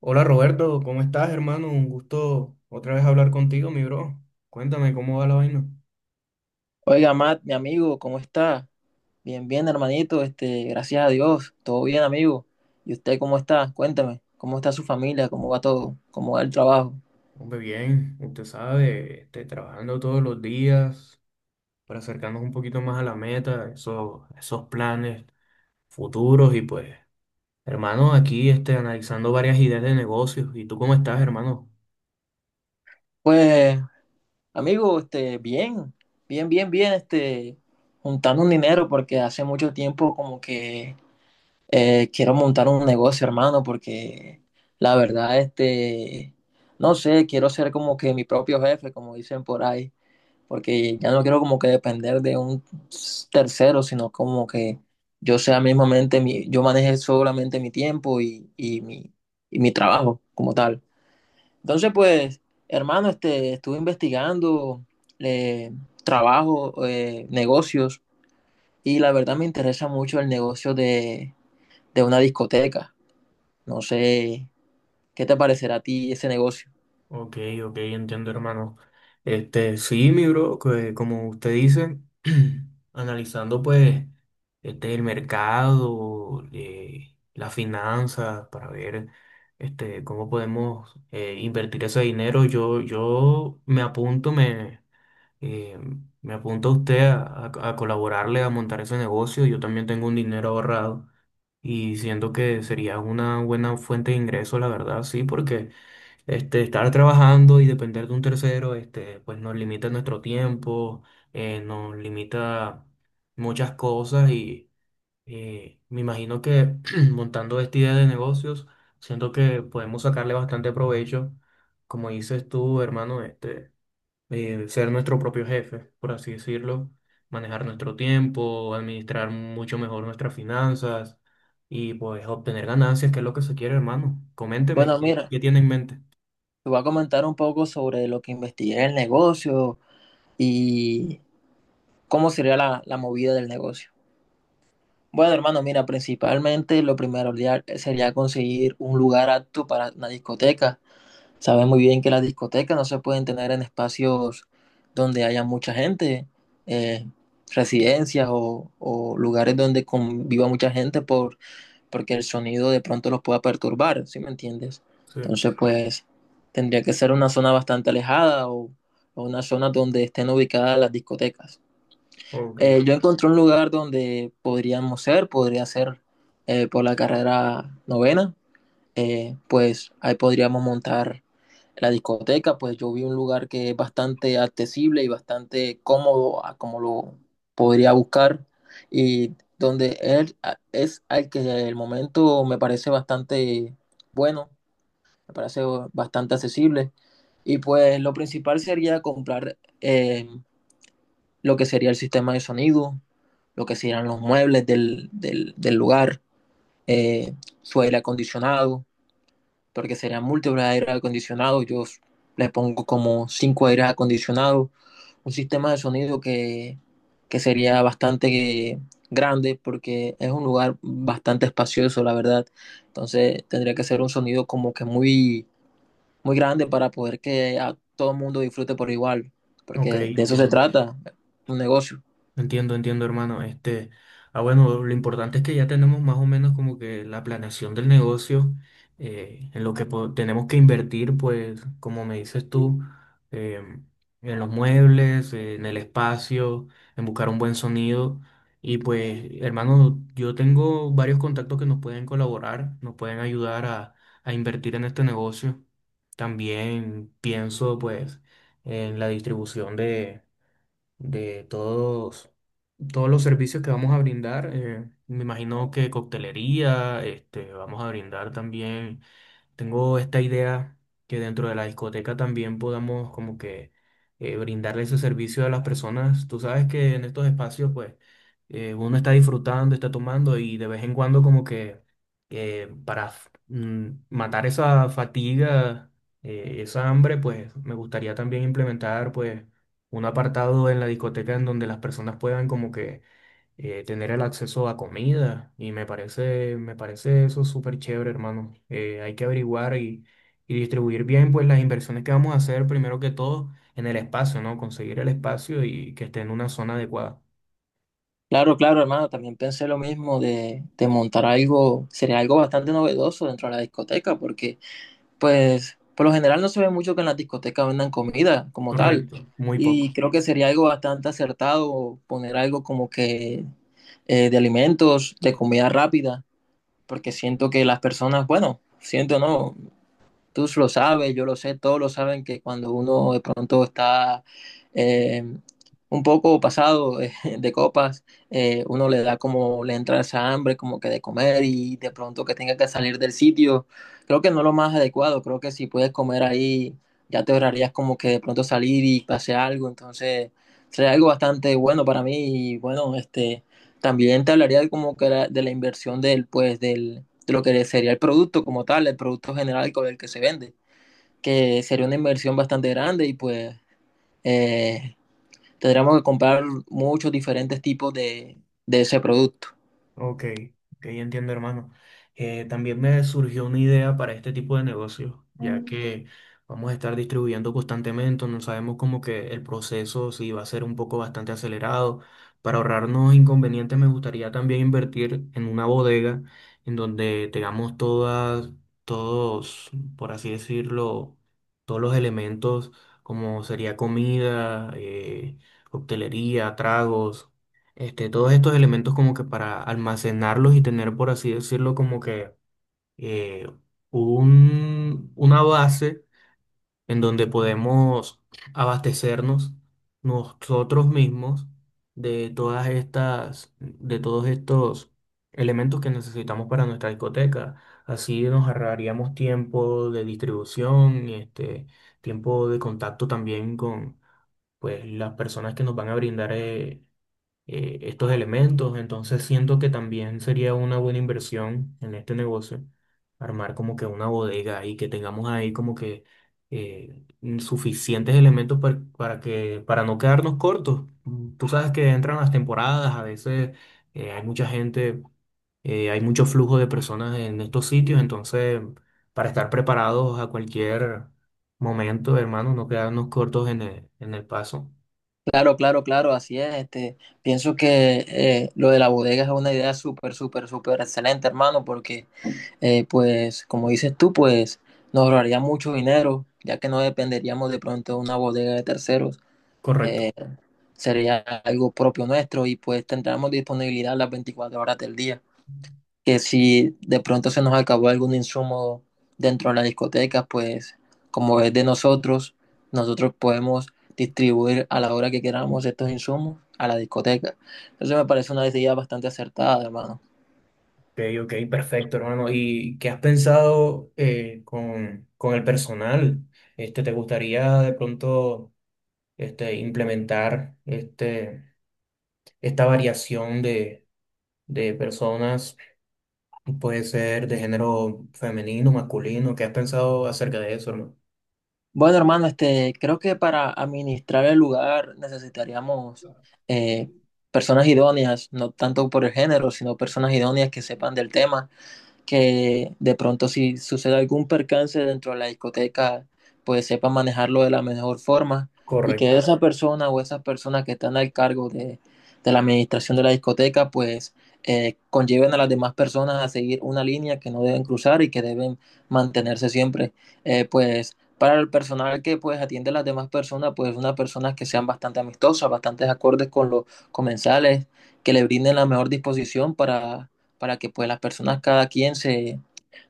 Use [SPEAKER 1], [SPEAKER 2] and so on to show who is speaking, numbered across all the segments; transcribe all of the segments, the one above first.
[SPEAKER 1] Hola Roberto, ¿cómo estás, hermano? Un gusto otra vez hablar contigo, mi bro. Cuéntame cómo va la vaina.
[SPEAKER 2] Oiga, Matt, mi amigo, ¿cómo está? Bien, bien, hermanito, gracias a Dios, todo bien, amigo. ¿Y usted cómo está? Cuéntame, ¿cómo está su familia? ¿Cómo va todo? ¿Cómo va el trabajo?
[SPEAKER 1] Hombre, bien, usted sabe, trabajando todos los días para acercarnos un poquito más a la meta, esos planes futuros y pues, hermano, aquí analizando varias ideas de negocios. ¿Y tú cómo estás, hermano?
[SPEAKER 2] Pues, amigo, bien, bien, juntando un dinero porque hace mucho tiempo como que quiero montar un negocio, hermano, porque la verdad, no sé, quiero ser como que mi propio jefe, como dicen por ahí. Porque ya no quiero como que depender de un tercero, sino como que yo sea mismamente, yo maneje solamente mi tiempo y mi trabajo como tal. Entonces, pues, hermano, estuve investigando eh, trabajo, negocios, y la verdad me interesa mucho el negocio de una discoteca. No sé, ¿qué te parecerá a ti ese negocio?
[SPEAKER 1] Ok, ok, entiendo, hermano. Sí, mi bro, que como usted dice, analizando pues el mercado, las finanzas, para ver cómo podemos invertir ese dinero. Yo me apunto, eh, me apunto a usted a colaborarle, a montar ese negocio. Yo también tengo un dinero ahorrado y siento que sería una buena fuente de ingreso, la verdad, sí, porque... Estar trabajando y depender de un tercero, este, pues nos limita nuestro tiempo, nos limita muchas cosas y me imagino que montando esta idea de negocios, siento que podemos sacarle bastante provecho, como dices tú, hermano, ser nuestro propio jefe, por así decirlo, manejar nuestro tiempo, administrar mucho mejor nuestras finanzas y pues obtener ganancias, que es lo que se quiere, hermano. Coménteme,
[SPEAKER 2] Bueno, mira,
[SPEAKER 1] ¿qué tiene en mente?
[SPEAKER 2] te voy a comentar un poco sobre lo que investigué en el negocio y cómo sería la movida del negocio. Bueno, hermano, mira, principalmente lo primero sería conseguir un lugar apto para una discoteca. Sabes muy bien que las discotecas no se pueden tener en espacios donde haya mucha gente, eh, residencias o lugares donde conviva mucha gente porque el sonido de pronto los pueda perturbar. ¿Sí me entiendes?
[SPEAKER 1] Sí.
[SPEAKER 2] Entonces, pues tendría que ser una zona bastante alejada o una zona donde estén ubicadas las discotecas.
[SPEAKER 1] Ok,
[SPEAKER 2] Yo encontré un lugar donde podríamos ser, podría ser por la carrera novena. Pues ahí podríamos montar la discoteca, pues yo vi un lugar que es bastante accesible y bastante cómodo a como lo podría buscar y donde él es al que el momento me parece bastante bueno, me parece bastante accesible y pues lo principal sería comprar lo que sería el sistema de sonido, lo que serían los muebles del lugar, eh, su aire acondicionado, porque serían múltiples aires acondicionados. Yo le pongo como cinco aires acondicionados, un sistema de sonido que sería bastante grande porque es un lugar bastante espacioso, la verdad. Entonces tendría que ser un sonido como que muy grande para poder que a todo el mundo disfrute por igual,
[SPEAKER 1] ok,
[SPEAKER 2] porque de eso se trata, un negocio.
[SPEAKER 1] entiendo, hermano. Ah, bueno, lo importante es que ya tenemos más o menos como que la planeación del negocio, en lo que tenemos que invertir, pues, como me dices tú, em, en los muebles, en el espacio, en buscar un buen sonido. Y pues, hermano, yo tengo varios contactos que nos pueden colaborar, nos pueden ayudar a invertir en este negocio. También pienso, pues, en la distribución de todos los servicios que vamos a brindar. Eh, me imagino que coctelería, este, vamos a brindar también. Tengo esta idea que dentro de la discoteca también podamos como que brindarle ese servicio a las personas. Tú sabes que en estos espacios pues uno está disfrutando, está tomando y de vez en cuando como que matar esa fatiga, esa hambre, pues me gustaría también implementar pues un apartado en la discoteca en donde las personas puedan como que tener el acceso a comida y me parece eso súper chévere, hermano. Hay que averiguar y distribuir bien pues las inversiones que vamos a hacer primero que todo en el espacio, ¿no? Conseguir el espacio y que esté en una zona adecuada.
[SPEAKER 2] Claro, claro, hermano, también pensé lo mismo de montar algo, sería algo bastante novedoso dentro de la discoteca, porque pues por lo general no se ve mucho que en las discotecas vendan comida como tal,
[SPEAKER 1] Correcto. Muy
[SPEAKER 2] y
[SPEAKER 1] poco.
[SPEAKER 2] creo que sería algo bastante acertado poner algo como que de alimentos, de comida rápida, porque siento que las personas, bueno, siento no, tú lo sabes, yo lo sé, todos lo saben que cuando uno de pronto está eh, un poco pasado de copas, uno le da como, le entra esa hambre como que de comer y de pronto que tenga que salir del sitio. Creo que no es lo más adecuado, creo que si puedes comer ahí, ya te ahorrarías como que de pronto salir y pase algo, entonces sería algo bastante bueno para mí y bueno, también te hablaría como que de la inversión del, pues, del de lo que sería el producto como tal, el producto general con el que se vende, que sería una inversión bastante grande y pues eh, tendríamos que comprar muchos diferentes tipos de ese producto.
[SPEAKER 1] Ok, ok, entiendo, hermano. También me surgió una idea para este tipo de negocios, ya que vamos a estar distribuyendo constantemente, no sabemos como que el proceso si va a ser un poco bastante acelerado. Para ahorrarnos inconvenientes, me gustaría también invertir en una bodega en donde todos, por así decirlo, todos los elementos, como sería comida, coctelería, tragos, este, todos estos elementos como que para almacenarlos y tener, por así decirlo, como que eh, una base en donde podemos abastecernos nosotros mismos de de todos estos elementos que necesitamos para nuestra discoteca. Así nos ahorraríamos tiempo de distribución, este, tiempo de contacto también con pues, las personas que nos van a brindar estos elementos. Entonces siento que también sería una buena inversión en este negocio armar como que una bodega y que tengamos ahí como que eh, suficientes elementos para que para no quedarnos cortos. Mm, tú sabes que entran las temporadas, a veces hay mucha gente, hay mucho flujo de personas en estos sitios, entonces para estar preparados a cualquier momento, hermano, no quedarnos cortos en en el paso.
[SPEAKER 2] Claro, claro, claro, así es. Este, pienso que lo de la bodega es una idea súper, súper, súper excelente, hermano, porque, pues, como dices tú, pues nos ahorraría mucho dinero, ya que no dependeríamos de pronto de una bodega de terceros.
[SPEAKER 1] Correcto.
[SPEAKER 2] Sería algo propio nuestro y pues tendremos disponibilidad las 24 horas del día. Que si de pronto se nos acabó algún insumo dentro de la discoteca, pues como es de nosotros, nosotros podemos distribuir a la hora que queramos estos insumos a la discoteca. Entonces me parece una idea bastante acertada, hermano.
[SPEAKER 1] Ok, ok, perfecto, hermano. ¿Y qué has pensado con el personal? Este, ¿te gustaría de pronto implementar esta variación de personas? Puede ser de género femenino, masculino. ¿Qué has pensado acerca de eso, hermano?
[SPEAKER 2] Bueno, hermano, creo que para administrar el lugar necesitaríamos eh, personas idóneas, no tanto por el género, sino personas idóneas que sepan del tema, que de pronto si sucede algún percance dentro de la discoteca, pues sepa manejarlo de la mejor forma, y que
[SPEAKER 1] Correcto.
[SPEAKER 2] esa persona o esas personas que están al cargo de la administración de la discoteca, pues conlleven a las demás personas a seguir una línea que no deben cruzar y que deben mantenerse siempre. Pues para el personal que pues atiende a las demás personas, pues unas personas que sean bastante amistosas, bastante acordes con los comensales, que le brinden la mejor disposición para que pues las personas, cada quien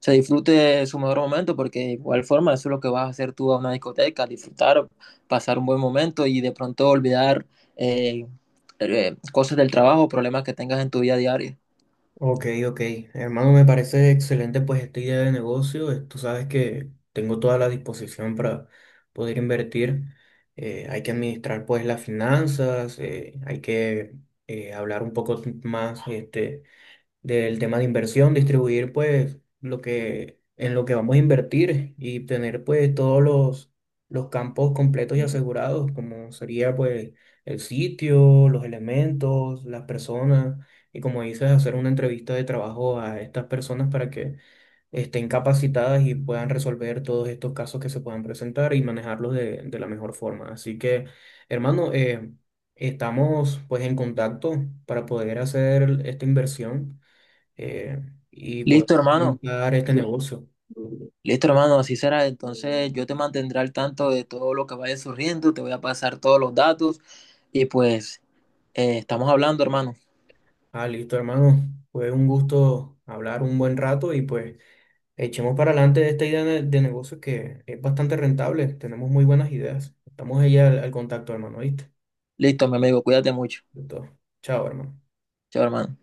[SPEAKER 2] se disfrute de su mejor momento, porque de igual forma eso es lo que vas a hacer tú a una discoteca, disfrutar, pasar un buen momento y de pronto olvidar eh, cosas del trabajo, problemas que tengas en tu vida diaria.
[SPEAKER 1] Ok, ok. Hermano, me parece excelente pues esta idea de negocio. Tú sabes que tengo toda la disposición para poder invertir. Hay que administrar pues las finanzas, hay que hablar un poco más, este, del tema de inversión, distribuir pues lo que vamos a invertir y tener pues todos los campos completos y asegurados, como sería pues el sitio, los elementos, las personas, y como dices, hacer una entrevista de trabajo a estas personas para que estén capacitadas y puedan resolver todos estos casos que se puedan presentar y manejarlos de la mejor forma. Así que, hermano, estamos pues en contacto para poder hacer esta inversión, eh, y poder
[SPEAKER 2] Listo, hermano.
[SPEAKER 1] montar este
[SPEAKER 2] Yo,
[SPEAKER 1] negocio.
[SPEAKER 2] listo, hermano, así será. Entonces yo te mantendré al tanto de todo lo que vaya surgiendo, te voy a pasar todos los datos y pues estamos hablando, hermano.
[SPEAKER 1] Ah, listo, hermano. Fue un gusto hablar un buen rato y pues echemos para adelante esta idea de negocio, que es bastante rentable. Tenemos muy buenas ideas. Estamos ahí al contacto, hermano, ¿viste?
[SPEAKER 2] Listo, mi amigo, cuídate mucho.
[SPEAKER 1] Listo. Chao, hermano.
[SPEAKER 2] Chao, hermano.